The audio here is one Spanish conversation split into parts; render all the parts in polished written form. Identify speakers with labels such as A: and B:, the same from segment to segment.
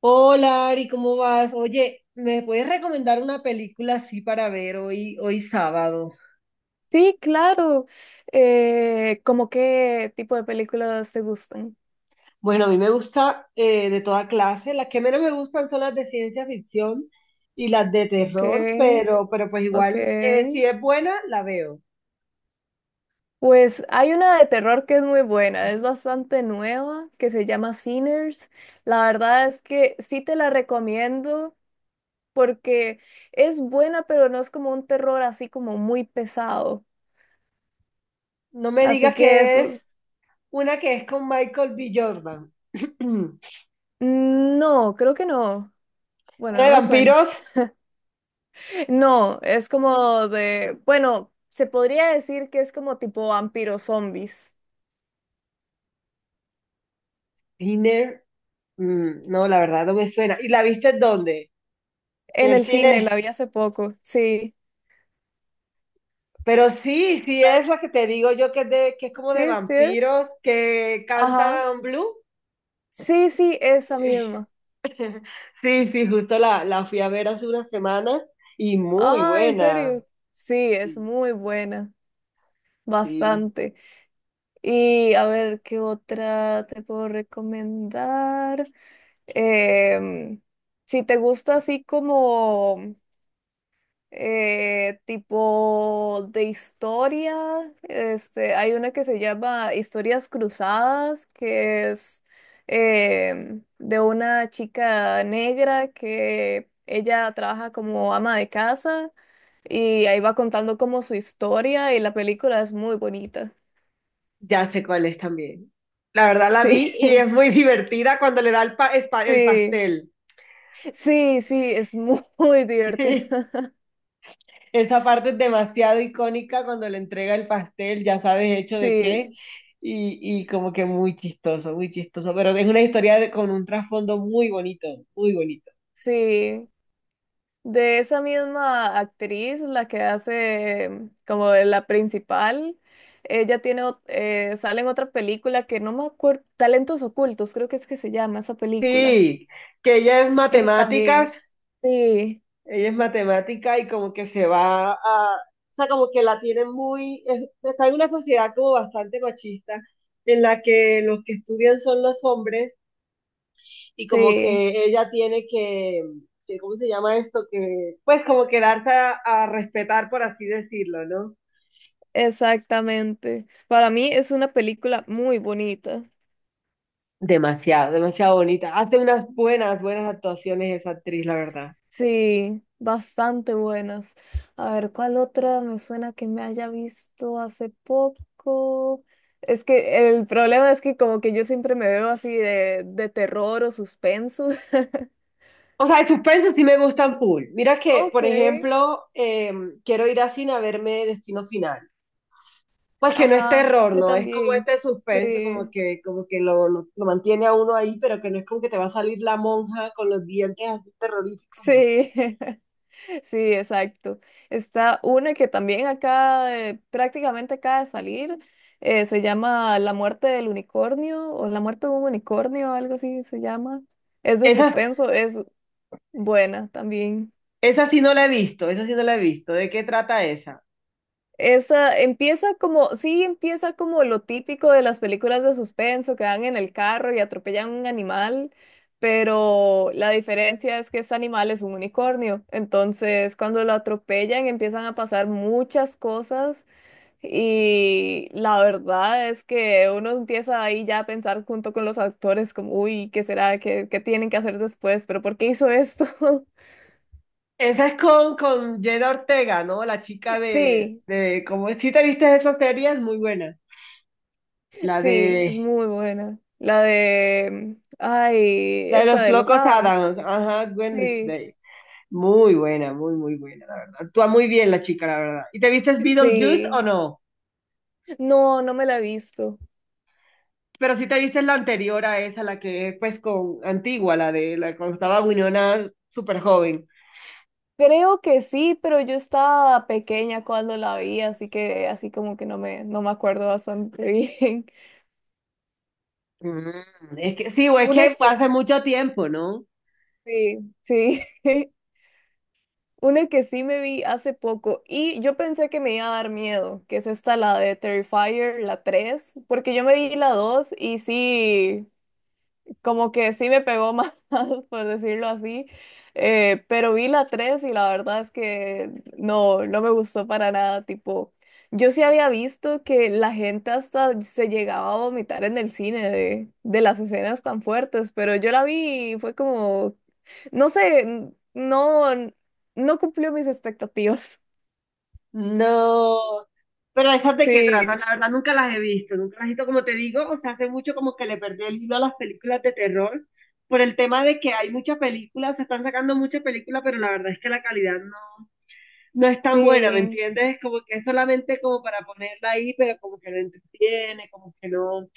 A: Hola Ari, ¿cómo vas? Oye, ¿me puedes recomendar una película así para ver hoy, sábado?
B: Sí, claro. ¿Cómo qué tipo de películas te gustan?
A: Bueno, a mí me gusta de toda clase. Las que menos me gustan son las de ciencia ficción y las de
B: Ok,
A: terror, pero pues igual,
B: ok.
A: si es buena, la veo.
B: Pues hay una de terror que es muy buena, es bastante nueva, que se llama Sinners. La verdad es que sí te la recomiendo porque es buena, pero no es como un terror así como muy pesado.
A: No me
B: Así
A: digas
B: que
A: que
B: eso,
A: es una que es con Michael B. Jordan.
B: no, creo que no. Bueno,
A: ¿Una de
B: no me suena.
A: vampiros?
B: No, es como de, bueno, se podría decir que es como tipo vampiros zombies.
A: Thinner. Mm, no, la verdad no me suena. ¿Y la viste dónde? ¿En
B: En
A: el
B: el cine
A: cine?
B: la vi hace poco, sí.
A: Pero sí, sí
B: Ah,
A: es la que te digo yo que que es como de
B: sí, sí es.
A: vampiros que
B: Ajá.
A: cantan blues.
B: Sí, sí, esa misma.
A: Sí, sí, justo la fui a ver hace unas semanas y muy
B: Ah, en
A: buena.
B: serio. Sí, es
A: Sí,
B: muy buena,
A: sí,
B: bastante. Y a ver, ¿qué otra te puedo recomendar? Em, si te gusta así como... tipo de historia. Hay una que se llama Historias Cruzadas, que es de una chica negra que ella trabaja como ama de casa y ahí va contando como su historia y la película es muy bonita.
A: ya sé cuál es también. La verdad la
B: Sí,
A: vi y es muy divertida cuando le da el
B: sí,
A: pastel.
B: sí, sí, es muy divertida.
A: Esa parte es demasiado icónica cuando le entrega el pastel, ya sabes hecho de qué,
B: Sí,
A: y como que muy chistoso, pero es con un trasfondo muy bonito, muy bonito.
B: sí. De esa misma actriz, la que hace como de la principal, ella tiene, sale en otra película que no me acuerdo, Talentos Ocultos, creo que es que se llama esa película.
A: Sí, que ella es
B: Esa
A: matemáticas,
B: también. Sí,
A: ella es matemática y como que o sea, como que la tienen muy, está en una sociedad como bastante machista, en la que los que estudian son los hombres y como
B: sí,
A: que ella tiene que, ¿cómo se llama esto? Que, pues como que darse a respetar, por así decirlo, ¿no?
B: exactamente. Para mí es una película muy bonita.
A: Demasiado, demasiado bonita. Hace unas buenas, buenas actuaciones esa actriz, la verdad.
B: Sí, bastante buenas. A ver, ¿cuál otra me suena que me haya visto hace poco? Es que el problema es que como que yo siempre me veo así de terror o suspenso.
A: O sea, de suspenso sí me gustan full. Mira que,
B: Ok,
A: por ejemplo, quiero ir a cine a verme Destino Final. Pues que no es
B: ajá,
A: terror,
B: yo
A: ¿no? Es como
B: también.
A: este suspenso,
B: Sí.
A: como que lo mantiene a uno ahí, pero que no es como que te va a salir la monja con los dientes así terroríficos, ¿no?
B: Sí, sí, exacto. Está una que también acá prácticamente acaba de salir, se llama La muerte del unicornio o La muerte de un unicornio, algo así se llama. Es de
A: Esas
B: suspenso, es buena también.
A: Esa sí no la he visto, esa sí no la he visto. ¿De qué trata esa?
B: Esa empieza como, sí, empieza como lo típico de las películas de suspenso, que van en el carro y atropellan un animal, pero la diferencia es que este animal es un unicornio. Entonces, cuando lo atropellan, empiezan a pasar muchas cosas y la verdad es que uno empieza ahí ya a pensar junto con los actores como, uy, ¿qué será? ¿Qué, qué tienen que hacer después? ¿Pero por qué hizo esto?
A: Esa es con Jenna Ortega, ¿no? La chica
B: Sí.
A: como si te viste esa serie, es muy buena. La
B: Sí,
A: de,
B: es muy buena. La de, ay,
A: la de
B: esta
A: los
B: de los
A: locos
B: Adams.
A: Adams, ajá,
B: Sí,
A: Wednesday. Muy buena, muy buena, la verdad. Actúa muy bien la chica, la verdad. ¿Y te vistes Beetlejuice o
B: sí.
A: no?
B: No, no me la he visto.
A: Pero sí te viste la anterior a esa, la que es pues con antigua, la de la cuando estaba Winona súper joven.
B: Creo que sí, pero yo estaba pequeña cuando la vi, así que así como que no me, no me acuerdo bastante bien.
A: Mm, es que sí, o es
B: Una
A: que fue
B: que
A: hace mucho tiempo, ¿no?
B: sí, sí. Una que sí me vi hace poco y yo pensé que me iba a dar miedo, que es esta, la de Terrifier, la 3, porque yo me vi la 2 y sí. Como que sí me pegó más, por decirlo así, pero vi la 3 y la verdad es que no, no me gustó para nada, tipo, yo sí había visto que la gente hasta se llegaba a vomitar en el cine de las escenas tan fuertes, pero yo la vi y fue como, no sé, no, no cumplió mis expectativas.
A: No, pero esas de qué tratan,
B: Sí,
A: la verdad nunca las he visto, nunca las he visto, como te digo, o sea, hace mucho como que le perdí el hilo a las películas de terror por el tema de que hay muchas películas, se están sacando muchas películas, pero la verdad es que la calidad no, no es tan buena, ¿me
B: sí,
A: entiendes? Como que es solamente como para ponerla ahí, pero como que no entretiene, como que no.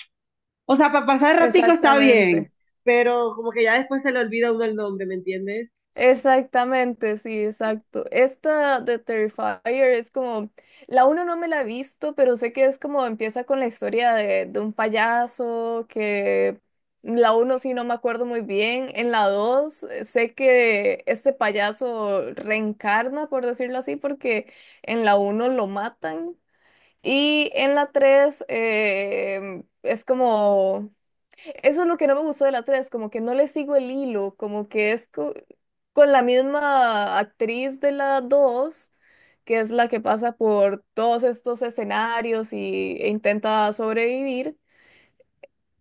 A: O sea, para pasar el ratico está bien,
B: exactamente.
A: pero como que ya después se le olvida a uno el nombre, ¿me entiendes?
B: Exactamente, sí, exacto. Esta de Terrifier es como, la uno no me la he visto, pero sé que es como empieza con la historia de un payaso, que la uno sí no me acuerdo muy bien. En la dos sé que este payaso reencarna, por decirlo así, porque en la uno lo matan. Y en la tres es como... Eso es lo que no me gustó de la 3 como que no le sigo el hilo, como que es co- con la misma actriz de la 2 que es la que pasa por todos estos escenarios y, e intenta sobrevivir,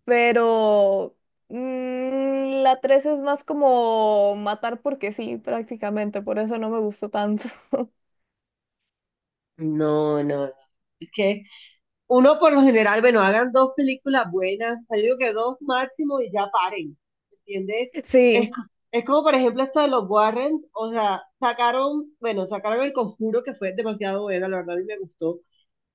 B: pero la 3 es más como matar porque sí, prácticamente, por eso no me gustó tanto.
A: No, no, es que uno por lo general, bueno, hagan dos películas buenas, o yo digo que dos máximo y ya paren, ¿entiendes? Es,
B: Sí,
A: co- es como por ejemplo esto de los Warren, o sea, sacaron, bueno, sacaron El Conjuro que fue demasiado buena, la verdad a mí me gustó.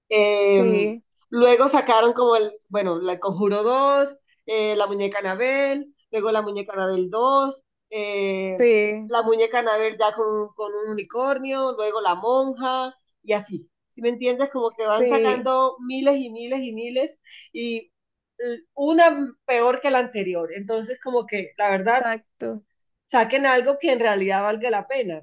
A: Eh,
B: sí,
A: luego sacaron como bueno, la El Conjuro dos, la muñeca Anabel, luego la muñeca Anabel dos, eh,
B: sí,
A: la muñeca Anabel ya con un unicornio, luego la monja y así. ¿Sí me entiendes? Como que van
B: sí,
A: sacando miles y miles y miles y una peor que la anterior. Entonces, como que la verdad,
B: exacto.
A: saquen algo que en realidad valga la pena.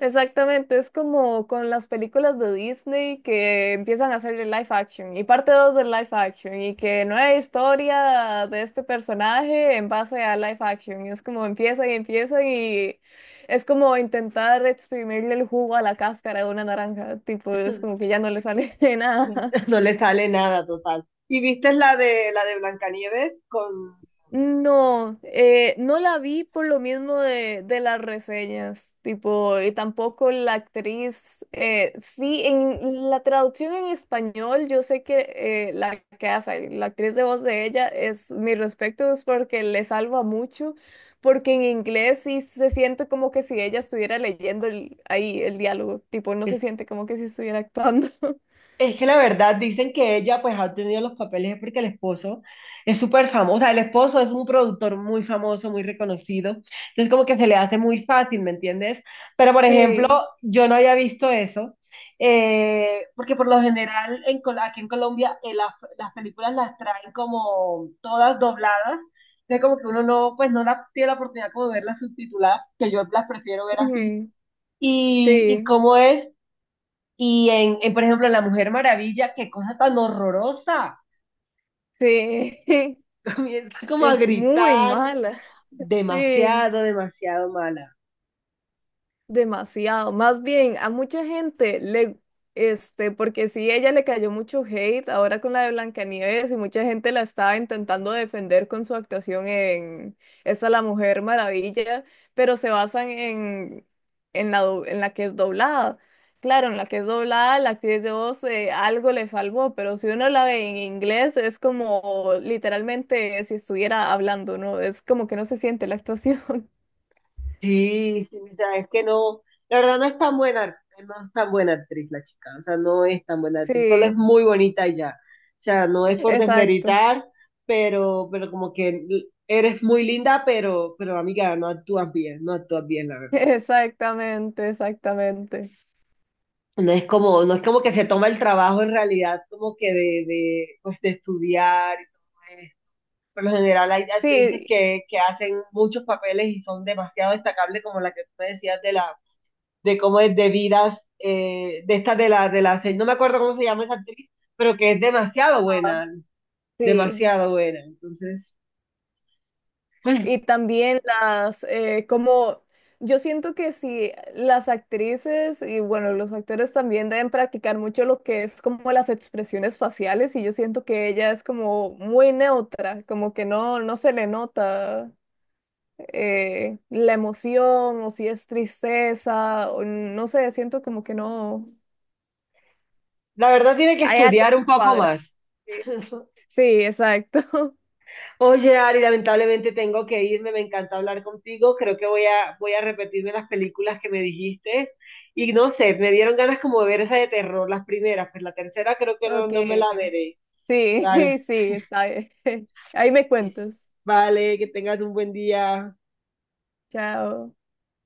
B: Exactamente, es como con las películas de Disney que empiezan a hacer el live action y parte 2 del live action y que nueva historia de este personaje en base a live action. Y es como empiezan y empiezan y es como intentar exprimirle el jugo a la cáscara de una naranja, tipo, es como que ya no le sale nada.
A: No le sale nada total. ¿Y viste la de Blancanieves con...
B: No, no la vi por lo mismo de las reseñas, tipo, y tampoco la actriz, sí, en la traducción en español, yo sé que la que hace, la actriz de voz de ella, es mi respeto, es porque le salva mucho, porque en inglés sí se siente como que si ella estuviera leyendo ahí el diálogo, tipo, no
A: Es,
B: se siente como que si estuviera actuando.
A: es que la verdad dicen que ella pues ha obtenido los papeles es porque el esposo es súper famoso, o sea, el esposo es un productor muy famoso, muy reconocido, entonces como que se le hace muy fácil, ¿me entiendes? Pero por ejemplo,
B: Sí,
A: yo no había visto eso, porque por lo general aquí en Colombia, las películas las traen como todas dobladas, entonces como que uno no, pues no la, tiene la oportunidad como de verlas subtituladas, que yo las prefiero ver así.
B: ujú,
A: Y
B: sí,
A: cómo es Y en, por ejemplo, en La Mujer Maravilla, qué cosa tan horrorosa.
B: sí,
A: Comienza como a
B: es muy
A: gritar,
B: mala. Sí,
A: demasiado, demasiado mala.
B: demasiado. Más bien, a mucha gente le, este, porque sí, ella le cayó mucho hate ahora con la de Blancanieves y mucha gente la estaba intentando defender con su actuación en esta La Mujer Maravilla, pero se basan en la, en la que es doblada. Claro, en la que es doblada, la actriz de voz algo le salvó, pero si uno la ve en inglés es como literalmente si estuviera hablando, ¿no? Es como que no se siente la actuación.
A: Sí, sí, o sea, es que no, la verdad no es tan buena, no es tan buena actriz la chica, o sea, no es tan buena actriz, solo es
B: Sí.
A: muy bonita y ya. O sea, no es por
B: Exacto,
A: desmeritar, pero como que eres muy linda, pero amiga, no actúas bien, no actúas bien, la verdad.
B: exactamente, exactamente.
A: No es como, no es como que se toma el trabajo en realidad como que de, pues de estudiar, y todo. Por lo general hay actrices
B: Sí,
A: que hacen muchos papeles y son demasiado destacables como la que tú me decías de cómo es de vidas, de esta no me acuerdo cómo se llama esa actriz, pero que es demasiado
B: ah,
A: buena,
B: sí.
A: demasiado buena. Entonces, bueno,
B: Y también las, como yo siento que si las actrices y bueno, los actores también deben practicar mucho lo que es como las expresiones faciales y yo siento que ella es como muy neutra, como que no, no se le nota la emoción o si es tristeza o no sé, siento como que no,
A: la verdad tiene que
B: hay algo que
A: estudiar un
B: no
A: poco
B: cuadra.
A: más.
B: Sí. Sí, exacto.
A: Oye, Ari, lamentablemente tengo que irme, me encanta hablar contigo, creo que voy a repetirme las películas que me dijiste y no sé, me dieron ganas como de ver esa de terror, las primeras, pues la tercera creo que no,
B: Ok.
A: no me la veré.
B: Sí,
A: Vale,
B: sí, está bien. Ahí me cuentas.
A: vale, que tengas un buen día.
B: Chao.